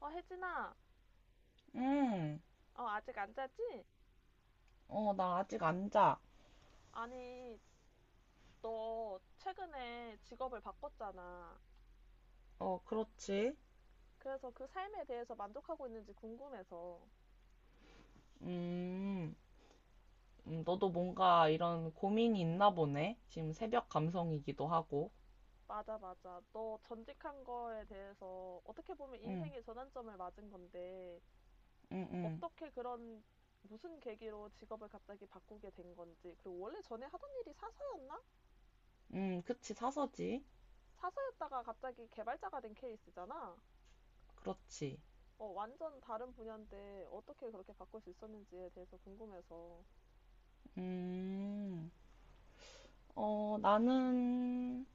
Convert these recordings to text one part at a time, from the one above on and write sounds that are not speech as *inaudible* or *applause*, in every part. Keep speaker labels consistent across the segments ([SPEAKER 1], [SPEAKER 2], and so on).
[SPEAKER 1] 어, 혜진아,
[SPEAKER 2] 음,
[SPEAKER 1] 어, 아직 안 자지?
[SPEAKER 2] 어, 나 아직 안 자.
[SPEAKER 1] 아니, 너 최근에 직업을 바꿨잖아.
[SPEAKER 2] 어, 그렇지.
[SPEAKER 1] 그래서 그 삶에 대해서 만족하고 있는지 궁금해서.
[SPEAKER 2] 음, 너도 뭔가 이런 고민이 있나 보네. 지금 새벽 감성이기도 하고.
[SPEAKER 1] 맞아, 맞아. 너 전직한 거에 대해서 어떻게 보면
[SPEAKER 2] 응.
[SPEAKER 1] 인생의 전환점을 맞은 건데,
[SPEAKER 2] 응. 응.
[SPEAKER 1] 어떻게 그런, 무슨 계기로 직업을 갑자기 바꾸게 된 건지, 그리고 원래 전에 하던 일이 사서였나?
[SPEAKER 2] 그치, 사서지.
[SPEAKER 1] 사서였다가 갑자기 개발자가 된 케이스잖아?
[SPEAKER 2] 그렇지.
[SPEAKER 1] 어, 완전 다른 분야인데 어떻게 그렇게 바꿀 수 있었는지에 대해서 궁금해서.
[SPEAKER 2] 음, 어, 나는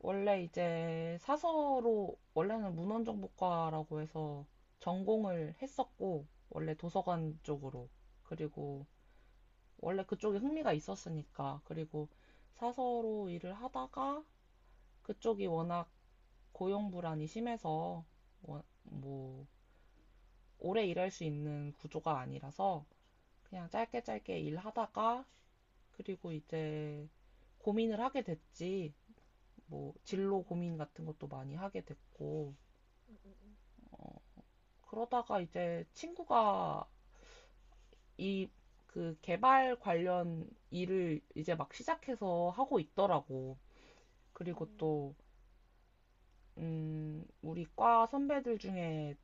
[SPEAKER 2] 원래 이제 사서로, 원래는 문헌정보과라고 해서 전공을 했었고, 원래 도서관 쪽으로. 그리고 원래 그쪽에 흥미가 있었으니까. 그리고 사서로 일을 하다가 그쪽이 워낙 고용 불안이 심해서 뭐 오래 일할 수 있는 구조가 아니라서 그냥 짧게 짧게 일하다가 그리고 이제 고민을 하게 됐지. 뭐 진로
[SPEAKER 1] 음.
[SPEAKER 2] 고민 같은 것도 많이 하게 됐고
[SPEAKER 1] 음, 음, 음.
[SPEAKER 2] 그러다가 이제 친구가 이 그 개발 관련 일을 이제 막 시작해서 하고 있더라고. 그리고
[SPEAKER 1] 음.
[SPEAKER 2] 또 우리 과 선배들 중에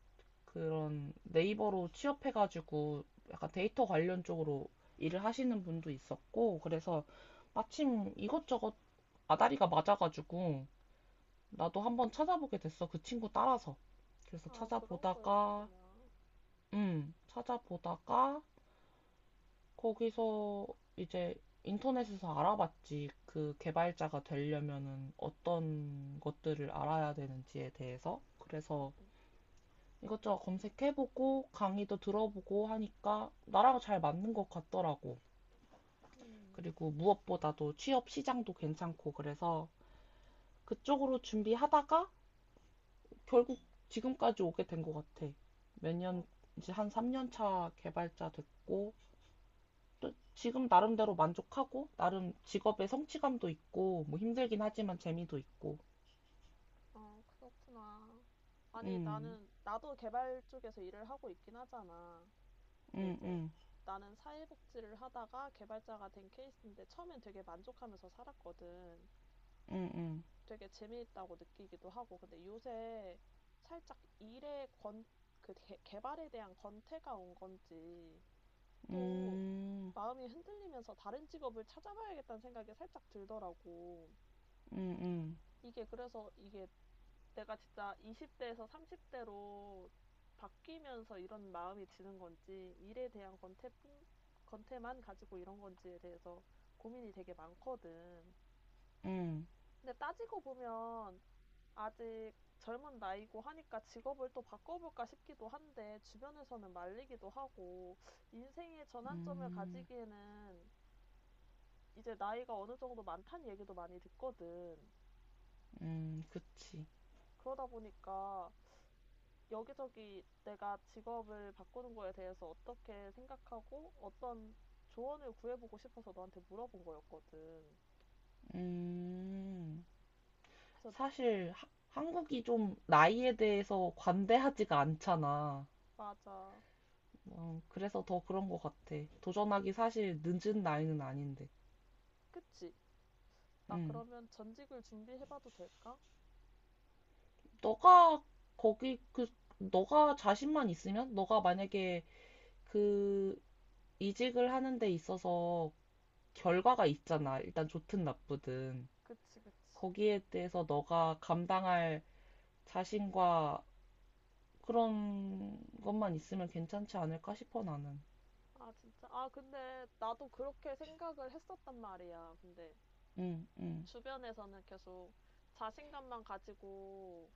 [SPEAKER 2] 그런 네이버로 취업해가지고 약간 데이터 관련 쪽으로 일을 하시는 분도 있었고, 그래서 마침 이것저것 아다리가 맞아가지고 나도 한번 찾아보게 됐어. 그 친구 따라서. 그래서
[SPEAKER 1] 아, 그런 거였구나.
[SPEAKER 2] 찾아보다가 거기서 이제 인터넷에서 알아봤지. 그 개발자가 되려면은 어떤 것들을 알아야 되는지에 대해서.
[SPEAKER 1] 음,
[SPEAKER 2] 그래서
[SPEAKER 1] 음,
[SPEAKER 2] 이것저것 검색해보고 강의도 들어보고 하니까 나랑 잘 맞는 것 같더라고.
[SPEAKER 1] 음.
[SPEAKER 2] 그리고 무엇보다도 취업 시장도 괜찮고 그래서 그쪽으로 준비하다가 결국 지금까지 오게 된 것 같아. 몇 년,
[SPEAKER 1] 어,
[SPEAKER 2] 이제 한 3년 차 개발자 됐고 또 지금 나름대로 만족하고 나름 직업의 성취감도 있고 뭐 힘들긴 하지만 재미도 있고.
[SPEAKER 1] 아, 그렇구나. 아니,
[SPEAKER 2] 음,
[SPEAKER 1] 나도 개발 쪽에서 일을 하고 있긴 하잖아. 근데
[SPEAKER 2] 음,
[SPEAKER 1] 이제
[SPEAKER 2] 음,
[SPEAKER 1] 나는 사회복지를 하다가 개발자가 된 케이스인데 처음엔 되게 만족하면서 살았거든.
[SPEAKER 2] 음,
[SPEAKER 1] 되게 재미있다고 느끼기도 하고. 근데 요새 살짝 개발에 대한 권태가 온 건지
[SPEAKER 2] 음,
[SPEAKER 1] 또
[SPEAKER 2] 음,
[SPEAKER 1] 마음이 흔들리면서 다른 직업을 찾아봐야겠다는 생각이 살짝 들더라고.
[SPEAKER 2] 음,
[SPEAKER 1] 이게 그래서 이게 내가 진짜 20대에서 30대로 바뀌면서 이런 마음이 드는 건지, 일에 대한 권태만 가지고 이런 건지에 대해서 고민이 되게 많거든.
[SPEAKER 2] 음, 음,
[SPEAKER 1] 근데 따지고 보면 아직 젊은 나이고 하니까 직업을 또 바꿔볼까 싶기도 한데, 주변에서는 말리기도 하고, 인생의 전환점을
[SPEAKER 2] 음.
[SPEAKER 1] 가지기에는 이제 나이가 어느 정도 많다는 얘기도 많이 듣거든.
[SPEAKER 2] 그치.
[SPEAKER 1] 그러다 보니까 여기저기 내가 직업을 바꾸는 거에 대해서 어떻게 생각하고 어떤 조언을 구해보고 싶어서 너한테 물어본 거였거든.
[SPEAKER 2] 음,
[SPEAKER 1] 그래서
[SPEAKER 2] 사실 한국이 좀 나이에 대해서 관대하지가 않잖아.
[SPEAKER 1] 맞아.
[SPEAKER 2] 어, 그래서 더 그런 것 같아. 도전하기 사실 늦은 나이는 아닌데.
[SPEAKER 1] 그치? 나
[SPEAKER 2] 음,
[SPEAKER 1] 그러면 전직을 준비해봐도 될까?
[SPEAKER 2] 너가 거기 그 너가 자신만 있으면 너가 만약에 그 이직을 하는 데 있어서 결과가 있잖아. 일단 좋든 나쁘든.
[SPEAKER 1] 그치, 그치.
[SPEAKER 2] 거기에 대해서 너가 감당할 자신과 그런 것만 있으면 괜찮지 않을까 싶어 나는.
[SPEAKER 1] 아, 진짜. 아, 근데 나도 그렇게 생각을 했었단 말이야. 근데
[SPEAKER 2] 응, 응,
[SPEAKER 1] 주변에서는 계속 자신감만 가지고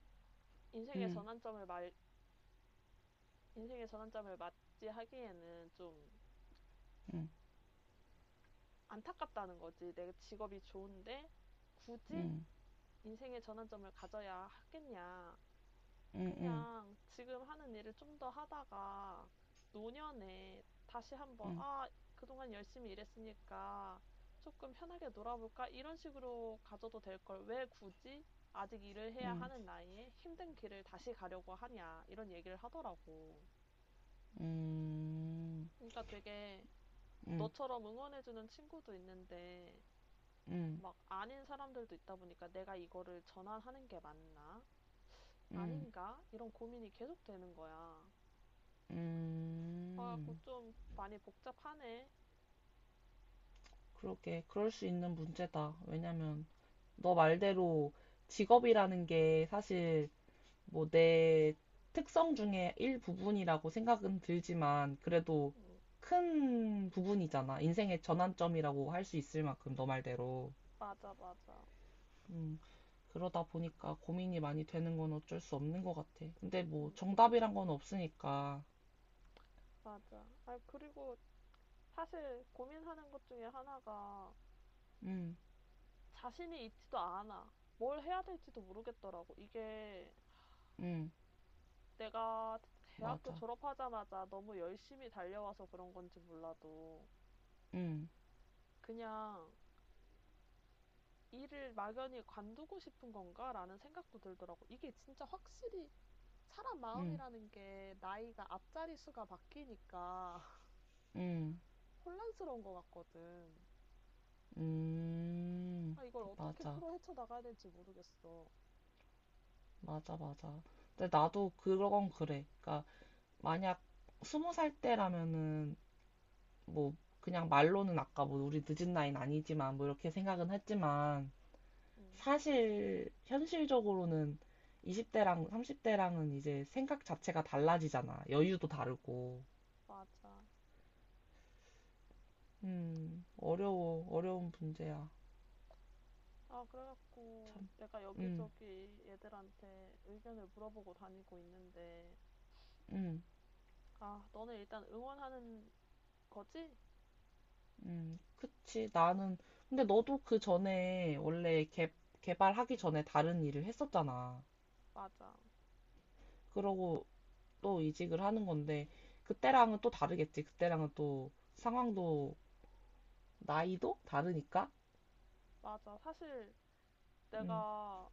[SPEAKER 1] 인생의
[SPEAKER 2] 응,
[SPEAKER 1] 전환점을 말 인생의 전환점을 맞이하기에는 좀
[SPEAKER 2] 응,
[SPEAKER 1] 안타깝다는 거지. 내 직업이 좋은데 굳이
[SPEAKER 2] 응,
[SPEAKER 1] 인생의 전환점을 가져야 하겠냐.
[SPEAKER 2] 응, 응,
[SPEAKER 1] 그냥 지금 하는 일을 좀 더 하다가 노년에 다시 한번,
[SPEAKER 2] 응,
[SPEAKER 1] 아, 그동안 열심히 일했으니까 조금 편하게 놀아볼까? 이런 식으로 가져도 될 걸 왜 굳이 아직 일을 해야
[SPEAKER 2] 응,
[SPEAKER 1] 하는 나이에 힘든 길을 다시 가려고 하냐. 이런 얘기를 하더라고.
[SPEAKER 2] 응, 응,
[SPEAKER 1] 그러니까 되게 너처럼 응원해주는 친구도 있는데
[SPEAKER 2] 응,
[SPEAKER 1] 막 아닌 사람들도 있다 보니까 '내가 이거를 전환하는 게 맞나?
[SPEAKER 2] 응.
[SPEAKER 1] 아닌가?' 이런 고민이 계속 되는 거야. 그래 갖고 좀 많이 복잡하네.
[SPEAKER 2] 그렇게 그럴 수 있는 문제다. 왜냐면 너 말대로 직업이라는 게 사실 뭐 내 특성 중에 일부분이라고 생각은 들지만 그래도
[SPEAKER 1] 음.
[SPEAKER 2] 큰 부분이잖아. 인생의 전환점이라고 할 수 있을 만큼 너 말대로.
[SPEAKER 1] 맞아, 맞아.
[SPEAKER 2] 음, 그러다 보니까 고민이 많이 되는 건 어쩔 수 없는 것 같아. 근데 뭐
[SPEAKER 1] 음.
[SPEAKER 2] 정답이란 건 없으니까.
[SPEAKER 1] 맞아. 아 그리고 사실 고민하는 것 중에 하나가
[SPEAKER 2] 음,
[SPEAKER 1] 자신이 있지도 않아. 뭘 해야 될지도 모르겠더라고. 이게
[SPEAKER 2] 음,
[SPEAKER 1] 내가 대학교
[SPEAKER 2] 맞아.
[SPEAKER 1] 졸업하자마자 너무 열심히 달려와서 그런 건지 몰라도
[SPEAKER 2] 음,
[SPEAKER 1] 그냥 '일을 막연히 관두고 싶은 건가?'라는 생각도 들더라고요. 이게 진짜 확실히 사람
[SPEAKER 2] 음,
[SPEAKER 1] 마음이라는 게 나이가 앞자리 수가 바뀌니까
[SPEAKER 2] 음,
[SPEAKER 1] *laughs* 혼란스러운 것 같거든.
[SPEAKER 2] 음,
[SPEAKER 1] 아 이걸 어떻게
[SPEAKER 2] 맞아.
[SPEAKER 1] 풀어 헤쳐나가야 될지 모르겠어.
[SPEAKER 2] 맞아, 맞아. 근데 나도 그건 그래. 그러니까 만약 20살 때라면은 뭐 그냥 말로는 아까 뭐 우리 늦은 나이는 아니지만 뭐 이렇게 생각은 했지만
[SPEAKER 1] 음
[SPEAKER 2] 사실 현실적으로는 20대랑 30대랑은 이제 생각 자체가 달라지잖아. 여유도 다르고.
[SPEAKER 1] 맞아.
[SPEAKER 2] 어려워. 어려운 문제야.
[SPEAKER 1] 아 그래 갖고
[SPEAKER 2] 참.
[SPEAKER 1] 내가
[SPEAKER 2] 음,
[SPEAKER 1] 여기저기 애들한테 의견을 물어보고 다니고 있는데
[SPEAKER 2] 음,
[SPEAKER 1] "아 너네 일단 응원하는 거지?"
[SPEAKER 2] 그치. 나는. 근데 너도 그 전에 원래 개발하기 전에 다른 일을 했었잖아.
[SPEAKER 1] 맞아.
[SPEAKER 2] 그러고 또 이직을 하는 건데, 그때랑은 또 다르겠지. 그때랑은 또 상황도, 나이도 다르니까.
[SPEAKER 1] 맞아. 사실
[SPEAKER 2] 음,
[SPEAKER 1] 내가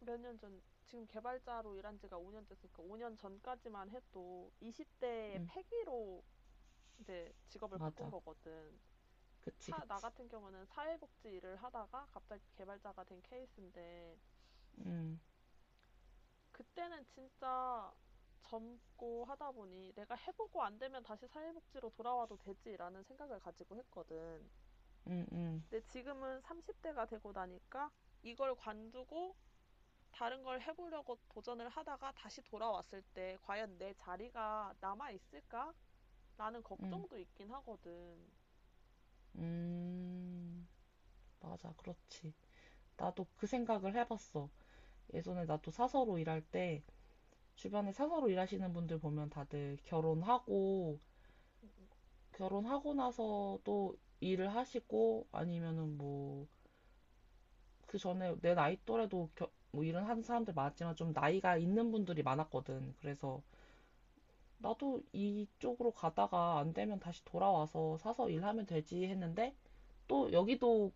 [SPEAKER 1] 몇 년 전, 지금 개발자로 일한 지가 5년 됐으니까 5년 전까지만 해도 20대의
[SPEAKER 2] 음,
[SPEAKER 1] 패기로 이제 직업을 바꾼
[SPEAKER 2] 맞아.
[SPEAKER 1] 거거든.
[SPEAKER 2] 그치,
[SPEAKER 1] 나
[SPEAKER 2] 그치.
[SPEAKER 1] 같은 경우는 사회복지 일을 하다가 갑자기 개발자가 된 케이스인데,
[SPEAKER 2] 음.
[SPEAKER 1] 그때는 진짜 젊고 하다 보니 내가 해보고 안 되면 다시 사회복지로 돌아와도 되지라는 생각을 가지고 했거든.
[SPEAKER 2] 음, 음,
[SPEAKER 1] 근데 지금은 30대가 되고 나니까 이걸 관두고 다른 걸 해 보려고 도전을 하다가 다시 돌아왔을 때 '과연 내 자리가 남아 있을까?'라는
[SPEAKER 2] 음,
[SPEAKER 1] 걱정도 있긴 하거든.
[SPEAKER 2] 음, 맞아, 그렇지. 나도 그 생각을 해봤어. 예전에 나도 사서로 일할 때 주변에 사서로 일하시는 분들 보면 다들 결혼하고
[SPEAKER 1] 음음음음.
[SPEAKER 2] 결혼하고 나서 또 일을 하시고 아니면은 뭐 그 전에 내 나이 또래도 뭐 일은 하는 사람들 많았지만 좀 나이가 있는 분들이 많았거든. 그래서 나도 이쪽으로 가다가 안 되면 다시 돌아와서 사서 일하면 되지 했는데 또 여기도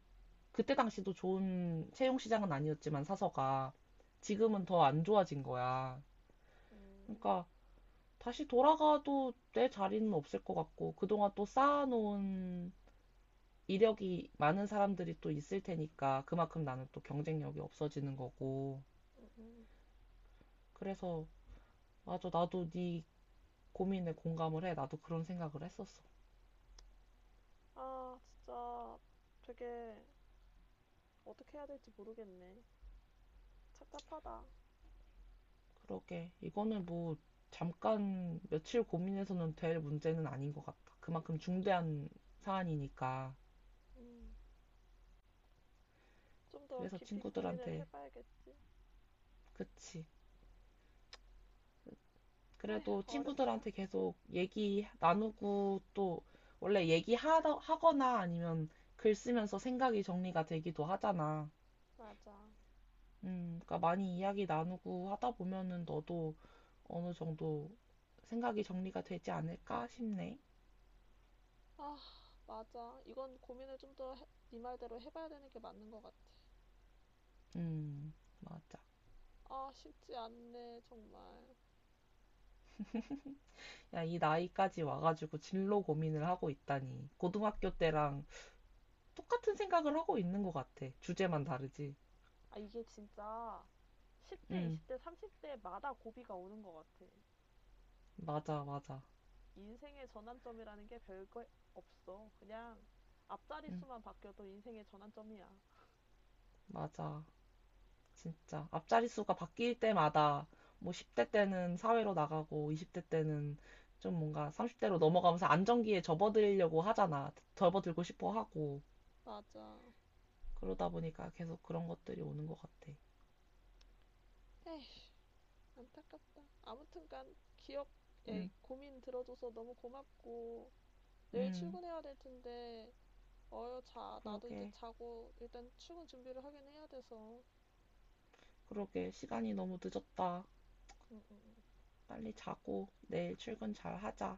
[SPEAKER 2] 그때 당시도 좋은 채용 시장은 아니었지만 사서가 지금은
[SPEAKER 1] 음.
[SPEAKER 2] 더 안 좋아진 거야.
[SPEAKER 1] 음
[SPEAKER 2] 그러니까 다시 돌아가도 내 자리는 없을 것 같고 그동안 또 쌓아놓은 이력이 많은 사람들이 또 있을 테니까 그만큼 나는 또 경쟁력이 없어지는 거고
[SPEAKER 1] 음, 음, 음.
[SPEAKER 2] 그래서 맞아 나도 네 고민에 공감을 해. 나도 그런 생각을 했었어.
[SPEAKER 1] 아 진짜 되게 어떻게 해야 될지 모르겠네. 착잡하다.
[SPEAKER 2] 그러게 이거는 뭐 잠깐 며칠 고민해서는 될 문제는 아닌 것 같다. 그만큼 중대한 사안이니까.
[SPEAKER 1] 음. 좀 더
[SPEAKER 2] 그래서
[SPEAKER 1] 깊이 고민을
[SPEAKER 2] 친구들한테,
[SPEAKER 1] 해 봐야겠지.
[SPEAKER 2] 그치.
[SPEAKER 1] 에휴
[SPEAKER 2] 그래도
[SPEAKER 1] 어렵다.
[SPEAKER 2] 친구들한테 계속 얘기 나누고 또 원래 얘기하거나 아니면 글 쓰면서 생각이 정리가 되기도 하잖아.
[SPEAKER 1] 맞아.
[SPEAKER 2] 그러니까 많이 이야기 나누고 하다 보면은 너도 어느 정도 생각이 정리가 되지 않을까 싶네.
[SPEAKER 1] 아 맞아. 이건 고민을 좀 더 네 말대로 해 봐야 되는 게 맞는 것 같아.
[SPEAKER 2] 음, 맞아.
[SPEAKER 1] 아 쉽지 않네 정말.
[SPEAKER 2] 야, 이 나이까지 와가지고 진로 고민을 하고 있다니. 고등학교 때랑 똑같은 생각을 하고 있는 것 같아. 주제만 다르지.
[SPEAKER 1] 아, 이게 진짜 10대,
[SPEAKER 2] 음,
[SPEAKER 1] 20대, 30대마다 고비가 오는 것 같아.
[SPEAKER 2] 맞아, 맞아.
[SPEAKER 1] 인생의 전환점이라는 게 별거 없어. 그냥 앞자리
[SPEAKER 2] 음.
[SPEAKER 1] 수만 바뀌어도 인생의 전환점이야.
[SPEAKER 2] 맞아. 진짜. 앞자리 수가 바뀔 때마다 뭐 10대 때는 사회로 나가고 20대 때는 좀 뭔가 30대로 넘어가면서 안정기에 접어들려고 하잖아. 접어들고 싶어 하고.
[SPEAKER 1] 맞아.
[SPEAKER 2] 그러다 보니까 계속 그런 것들이 오는 것 같아.
[SPEAKER 1] 에휴, 안타깝다. 아무튼간 기억, 에
[SPEAKER 2] 응,
[SPEAKER 1] 고민 들어줘서 너무 고맙고 내일
[SPEAKER 2] 응.
[SPEAKER 1] 출근해야 될 텐데 어여 자. 나도 이제
[SPEAKER 2] 그러게.
[SPEAKER 1] 자고 일단 출근 준비를 하긴 해야 돼서.
[SPEAKER 2] 그러게. 시간이 너무 늦었다.
[SPEAKER 1] 응, 응, 응.
[SPEAKER 2] 빨리 자고 내일 출근 잘 하자.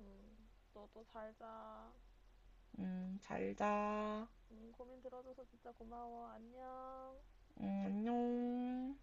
[SPEAKER 1] 응. 너도 잘 자.
[SPEAKER 2] 응, 잘 자.
[SPEAKER 1] 고민 들어줘서 진짜 고마워. 안녕.
[SPEAKER 2] 응, 안녕.